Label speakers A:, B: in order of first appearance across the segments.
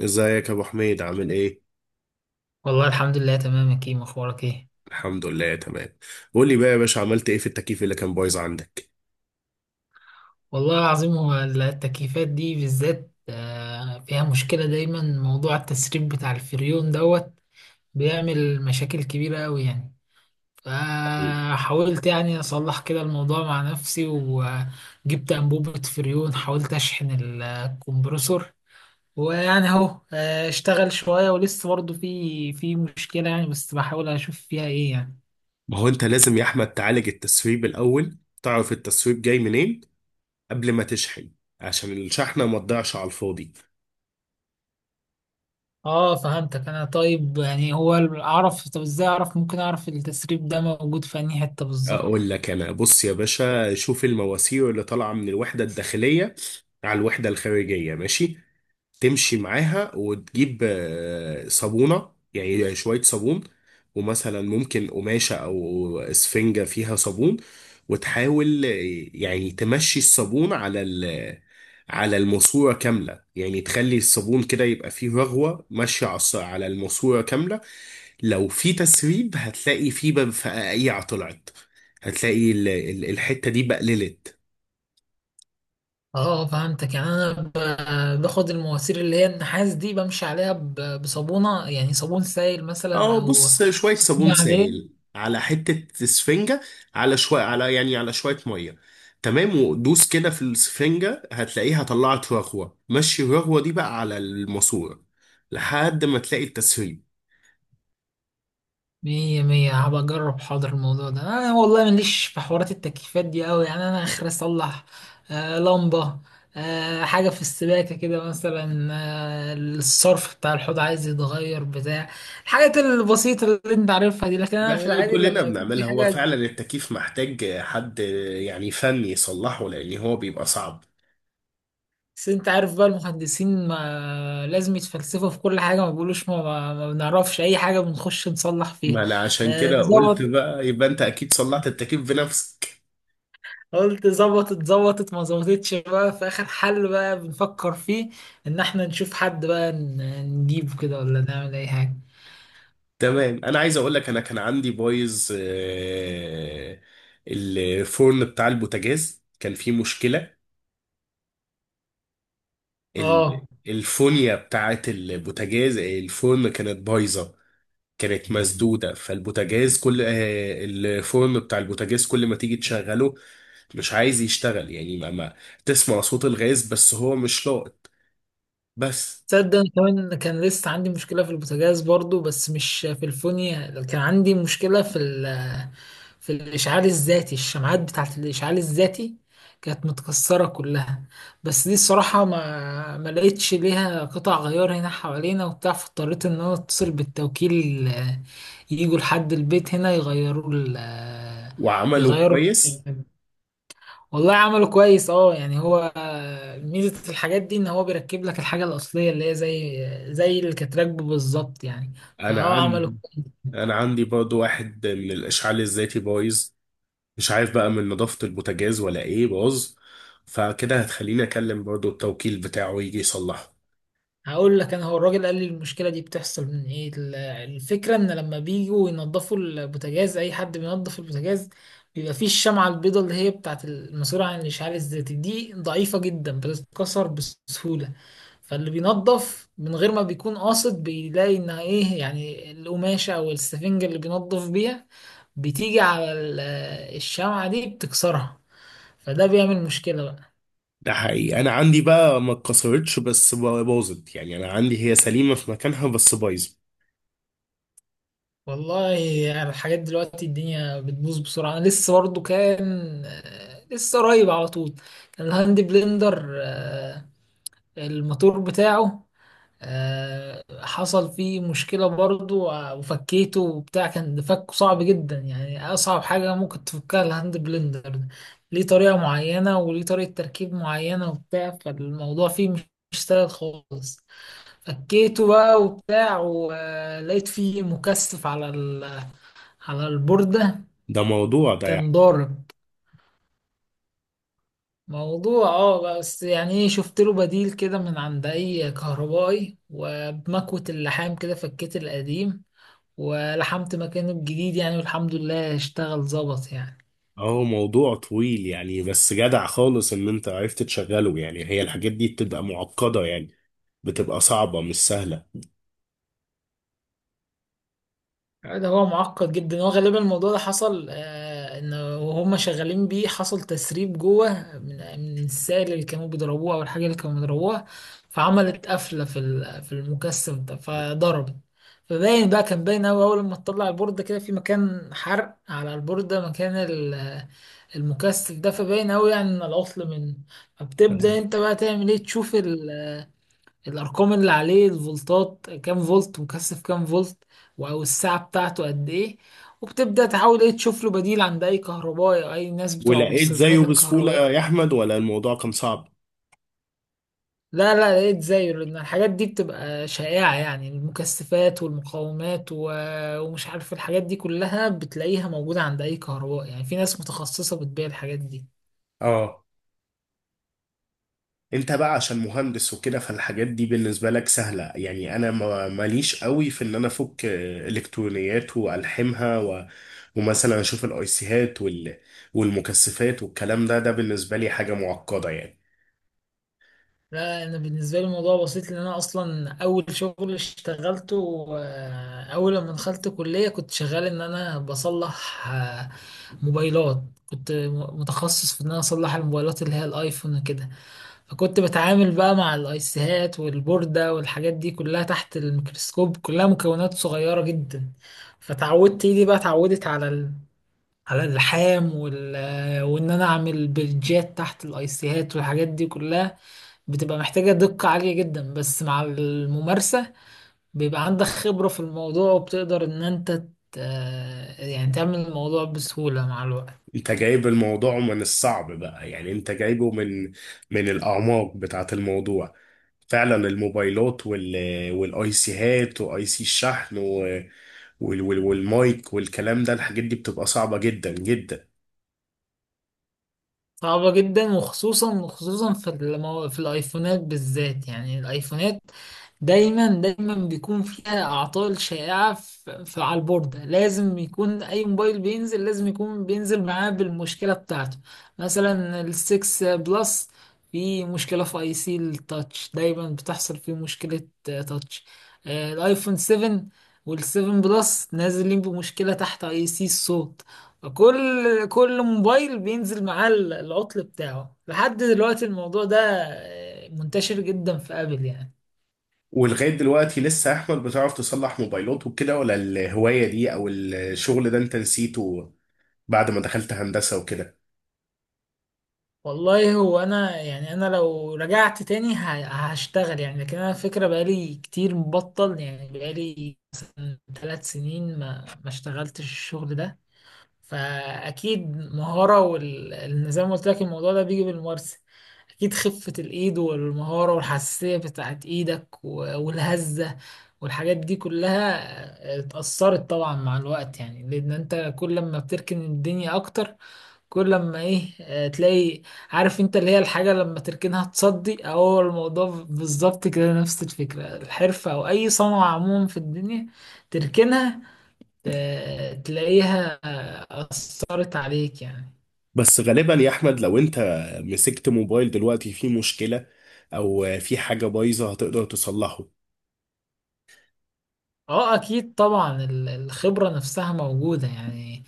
A: ازيك يا ابو حميد عامل ايه؟
B: والله الحمد لله تمام يا كيم، اخبارك ايه؟
A: الحمد لله تمام. قول لي بقى يا باشا عملت ايه في التكييف اللي كان بايظ عندك؟
B: والله العظيم هو التكييفات دي بالذات فيها مشكلة دايما، موضوع التسريب بتاع الفريون دوت بيعمل مشاكل كبيرة قوي يعني. فحاولت يعني اصلح كده الموضوع مع نفسي، وجبت انبوبة فريون حاولت اشحن الكمبرسور، ويعني اهو اشتغل شوية ولسه برضه في مشكلة يعني، بس بحاول اشوف فيها ايه يعني.
A: ما هو انت لازم يا احمد تعالج التسريب الاول، تعرف التسريب جاي منين قبل ما تشحن عشان الشحنه ما تضيعش على الفاضي.
B: اه فهمتك انا. طيب يعني هو اعرف، طب ازاي اعرف، ممكن اعرف التسريب ده موجود في انهي حتة بالظبط؟
A: اقول لك انا، بص يا باشا، شوف المواسير اللي طالعه من الوحده الداخليه على الوحده الخارجيه، ماشي؟ تمشي معاها وتجيب صابونة، يعني شوية صابون. ومثلا ممكن قماشة أو إسفنجة فيها صابون. وتحاول يعني تمشي الصابون على على الماسورة كاملة، يعني تخلي الصابون كده يبقى فيه رغوة ماشية على على الماسورة كاملة. لو في تسريب هتلاقي فيه بقى فقاقيع طلعت، هتلاقي الحتة دي بقللت.
B: اه فهمتك يعني. انا باخد المواسير اللي هي النحاس دي بمشي عليها بصابونة، يعني صابون سائل مثلا
A: اه،
B: او
A: بص شوية صابون
B: صابونة عادية.
A: سائل على حتة سفنجة، على شوية على يعني على شوية مية. تمام، ودوس كده في السفنجة هتلاقيها طلعت رغوة، مشي الرغوة دي بقى على الماسورة لحد ما تلاقي التسريب.
B: مية مية، هبقى أجرب. حاضر. الموضوع ده أنا والله ماليش في حوارات التكييفات دي أوي يعني. أنا آخر أصلح لمبة، حاجة في السباكة كده مثلا، الصرف بتاع الحوض عايز يتغير، بتاع الحاجات البسيطة اللي أنت عارفها دي، لكن أنا
A: ده
B: في
A: اللي
B: العادي
A: كلنا
B: لما يكون في
A: بنعملها، هو
B: حاجة.
A: فعلا التكييف محتاج حد يعني فني يصلحه لأن هو بيبقى صعب.
B: بس أنت عارف بقى، المهندسين ما لازم يتفلسفوا في كل حاجة، ما بيقولوش ما بنعرفش أي حاجة، بنخش نصلح فيها.
A: ما أنا عشان كده قلت
B: ظبط.
A: بقى يبقى أنت أكيد صلحت التكييف بنفسك.
B: قلت ظبطت، ظبطت ما ظبطتش بقى، في اخر حل بقى بنفكر فيه ان احنا نشوف حد بقى نجيبه كده، ولا نعمل اي حاجه.
A: تمام، انا عايز اقول لك، انا كان عندي بايظ الفرن بتاع البوتاجاز كان فيه مشكلة.
B: اه
A: الفونيا بتاعت البوتاجاز الفرن كانت بايظة، كانت مسدودة، فالبوتاجاز كل آه، الفرن بتاع البوتاجاز كل ما تيجي تشغله مش عايز يشتغل، يعني ما تسمع صوت الغاز بس هو مش لاقط بس.
B: تصدق أنا كمان كان لسه عندي مشكلة في البوتاجاز برضو، بس مش في الفونيا، كان عندي مشكلة في في الإشعال الذاتي، الشمعات بتاعت الإشعال الذاتي كانت متكسرة كلها. بس دي الصراحة ما لقيتش ليها قطع غيار هنا حوالينا وبتاع، فاضطريت إن أنا أتصل بالتوكيل، يجوا لحد البيت هنا يغيروا ال آه،
A: وعمله
B: يغيروا.
A: كويس.
B: والله عمله كويس، اه يعني هو ميزة الحاجات دي ان هو بيركب لك الحاجة الأصلية اللي هي زي اللي كانت راكبه بالظبط يعني.
A: انا
B: فهو عمله.
A: عندي انا عندي برضو واحد من الاشعال الذاتي بايظ، مش عارف بقى من نظافة البوتاجاز ولا ايه باظ. فكده هتخليني اكلم برضو التوكيل بتاعه يجي يصلحه.
B: هقول لك انا، هو الراجل قال لي المشكله دي بتحصل من ايه. الفكره ان لما بيجوا ينظفوا البوتاجاز، اي حد بينظف البوتاجاز بيبقى فيه الشمعه البيضاء اللي هي بتاعه المسؤوله عن الاشعال الذاتي، دي ضعيفه جدا بتتكسر بسهوله. فاللي بينظف من غير ما بيكون قاصد بيلاقي انها ايه يعني، القماشه او السفنجه اللي بينظف بيها بتيجي على الشمعه دي بتكسرها، فده بيعمل مشكله بقى.
A: ده حقيقي، انا عندي بقى ما اتكسرتش بس باظت، يعني انا عندي هي سليمة في مكانها بس بايظة.
B: والله انا الحاجات دلوقتي الدنيا بتبوظ بسرعه. انا لسه برضه كان، لسه قريب على طول، كان الهاند بلندر، الموتور بتاعه، حصل فيه مشكله برضه. وفكيته وبتاع، كان فكه صعب جدا يعني، اصعب حاجه ممكن تفكها الهاند بلندر ده. ليه طريقه معينه، وليه طريقه تركيب معينه وبتاع، فالموضوع فيه مش سهل خالص. فكيته بقى وبتاع، ولقيت فيه مكثف على على البوردة
A: ده موضوع ده
B: كان
A: يعني.
B: ضارب. موضوع اه بس يعني ايه، شفت له بديل كده من عند اي كهربائي، وبمكوة اللحام كده فكيت القديم ولحمت مكانه الجديد يعني، والحمد لله اشتغل ظبط يعني.
A: اهو، موضوع طويل يعني، بس جدع خالص ان انت عرفت تشغله، يعني هي الحاجات دي بتبقى معقدة يعني، بتبقى صعبة مش سهلة.
B: ده هو معقد جدا. هو غالبا الموضوع ده حصل ان وهم شغالين بيه حصل تسريب جوه، من السائل اللي كانوا بيضربوه او الحاجه اللي كانوا بيضربوها، فعملت قفله في في المكثف ده فضربت. فباين بقى، كان باين قوي اول ما تطلع البورده كده، في مكان حرق على البورده مكان المكثف ده، فباين قوي يعني ان العطل من. فبتبدا
A: تمام.
B: انت بقى تعمل ايه، تشوف الارقام اللي عليه، الفولتات كام فولت، مكثف كام فولت، او الساعه بتاعته قد ايه، وبتبدا تحاول ايه تشوف له بديل عند اي كهربائي او اي ناس بتوع
A: ولقيت زيه
B: مستلزمات
A: بسهولة يا
B: الكهربائيه.
A: احمد ولا الموضوع كان صعب؟
B: لا لقيت زيه، لان الحاجات دي بتبقى شائعه يعني، المكثفات والمقاومات و... ومش عارف الحاجات دي كلها بتلاقيها موجوده عند اي كهربائي يعني، في ناس متخصصه بتبيع الحاجات دي.
A: اه. انت بقى عشان مهندس وكده فالحاجات دي بالنسبة لك سهلة، يعني انا ماليش قوي في ان انا افك الكترونيات والحمها ومثلا اشوف الايسيهات والمكثفات والكلام ده بالنسبة لي حاجة معقدة يعني.
B: لا انا بالنسبه لي الموضوع بسيط، لان انا اصلا اول شغل اشتغلته، اول لما دخلت كليه كنت شغال ان انا بصلح موبايلات. كنت متخصص في ان انا اصلح الموبايلات اللي هي الايفون وكده، فكنت بتعامل بقى مع الايسيهات والبورده والحاجات دي كلها تحت الميكروسكوب، كلها مكونات صغيره جدا. فتعودت ايدي بقى، اتعودت على ال... على اللحام وال... وان انا اعمل بلجات تحت الايسيهات، والحاجات دي كلها بتبقى محتاجة دقة عالية جدا، بس مع الممارسة بيبقى عندك خبرة في الموضوع، وبتقدر ان انت يعني تعمل الموضوع بسهولة مع الوقت.
A: انت جايب الموضوع من الصعب بقى، يعني انت جايبه من الاعماق بتاعة الموضوع. فعلا الموبايلات والايسيهات واي سي الشحن والمايك والكلام ده، الحاجات دي بتبقى صعبة جدا جدا.
B: صعبة جدا، وخصوصا خصوصا في المو... في الايفونات بالذات يعني. الايفونات دايما دايما بيكون فيها اعطال شائعة على البوردة، لازم يكون اي موبايل بينزل، لازم يكون بينزل معاه بالمشكلة بتاعته. مثلا السكس بلس، في مشكلة في اي سي التاتش دايما بتحصل فيه مشكلة، تاتش. الايفون 7 والسيفن بلس نازلين بمشكلة تحت اي سي الصوت. كل موبايل بينزل معاه العطل بتاعه، لحد دلوقتي الموضوع ده منتشر جدا في ابل يعني.
A: ولغاية دلوقتي لسه أحمد بتعرف تصلح موبايلات وكده ولا الهواية دي أو الشغل ده أنت نسيته بعد ما دخلت هندسة وكده؟
B: والله هو انا يعني، انا لو رجعت تاني هشتغل يعني، لكن انا الفكره بقالي كتير مبطل يعني، بقالي مثلا 3 سنين ما اشتغلتش الشغل ده، فاكيد مهاره والنظام زي ما قلت لك الموضوع ده بيجي بالممارسه. اكيد خفه الايد والمهاره والحساسيه بتاعت ايدك والهزه، والحاجات دي كلها اتأثرت طبعا مع الوقت يعني، لأن أنت كل ما بتركن الدنيا أكتر، كل لما ايه تلاقي، عارف انت اللي هي الحاجة لما تركنها تصدي، هو الموضوع بالظبط كده نفس الفكرة، الحرفة او اي صنعة عموما في الدنيا تركنها تلاقيها أثرت عليك يعني.
A: بس غالبا يا أحمد لو أنت مسكت موبايل دلوقتي فيه مشكلة أو في حاجة بايظة هتقدر تصلحه؟
B: اه اكيد طبعا، الخبرة نفسها موجودة يعني.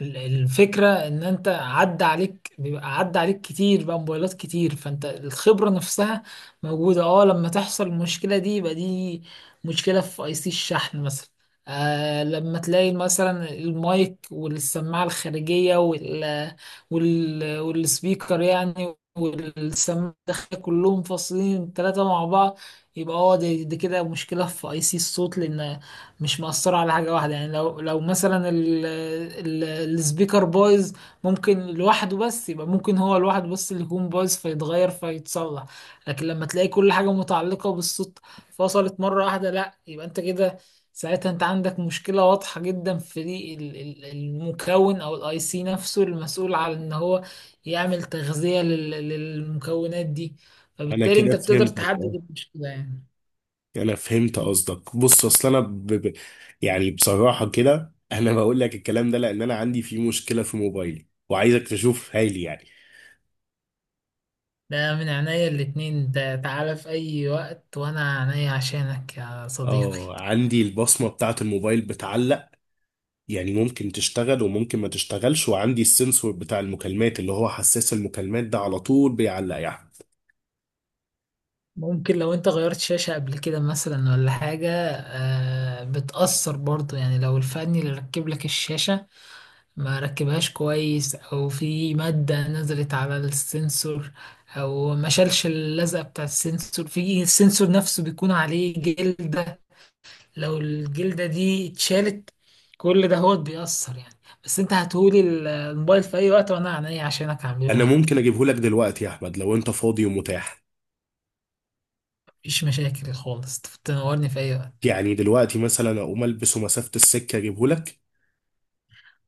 B: الفكرة ان انت عدى عليك، بيبقى عدى عليك كتير بقى موبايلات كتير، فانت الخبرة نفسها موجودة. اه لما تحصل المشكلة دي يبقى دي مشكلة في اي سي الشحن مثلا. آه لما تلاقي مثلا المايك والسماعة الخارجية وال والسبيكر يعني، والسماعة الداخلية كلهم فاصلين ثلاثة مع بعض، يبقى اه دي كده مشكلة في اي سي الصوت، لان مش مأثرة على حاجة واحدة يعني. لو مثلا السبيكر بايظ، ممكن لوحده بس، يبقى ممكن هو لوحده بس اللي يكون بايظ، فيتغير فيتصلح. لكن لما تلاقي كل حاجة متعلقة بالصوت فصلت مرة واحدة، لا يبقى انت كده ساعتها انت عندك مشكلة واضحة جدا في دي المكون او الاي سي نفسه، المسؤول على ان هو يعمل تغذية للمكونات دي،
A: أنا
B: فبالتالي
A: كده
B: انت بتقدر
A: فهمتك، أه.
B: تحدد المشكلة يعني.
A: أنا فهمت قصدك، بص أصل أنا يعني بصراحة كده أنا بقول لك الكلام ده، لأن أنا عندي فيه مشكلة في موبايلي وعايزك تشوف هايلي يعني.
B: ده من عينيا الاتنين، انت تعالى في اي وقت وانا عينيا عشانك يا صديقي.
A: اه، عندي البصمة بتاعة الموبايل بتعلق، يعني ممكن تشتغل وممكن ما تشتغلش، وعندي السنسور بتاع المكالمات، اللي هو حساس المكالمات ده على طول بيعلق يا احمد.
B: ممكن لو انت غيرت شاشة قبل كده مثلا ولا حاجة بتأثر برضو يعني، لو الفني اللي ركب لك الشاشة ما ركبهاش كويس، او في مادة نزلت على السنسور، او ما شالش اللزقة بتاع السنسور، في السنسور نفسه بيكون عليه جلد، لو الجلدة دي اتشالت كل ده هو بيأثر يعني. بس انت هتقولي الموبايل في اي وقت، وانا عينيا عشانك
A: انا
B: هعملهولك.
A: ممكن اجيبه لك دلوقتي يا احمد لو انت فاضي ومتاح؟
B: مفيش مشاكل خالص، تنورني في اي وقت.
A: يعني دلوقتي مثلا اقوم البسه مسافة السكة اجيبه لك.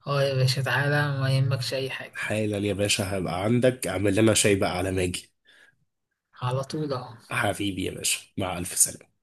B: اه يا باشا تعالى، ما يهمكش اي حاجة،
A: حالا يا باشا، هبقى عندك، اعمل لنا شاي بقى على ما اجي.
B: على طول اهو.
A: حبيبي يا باشا، مع الف سلامة.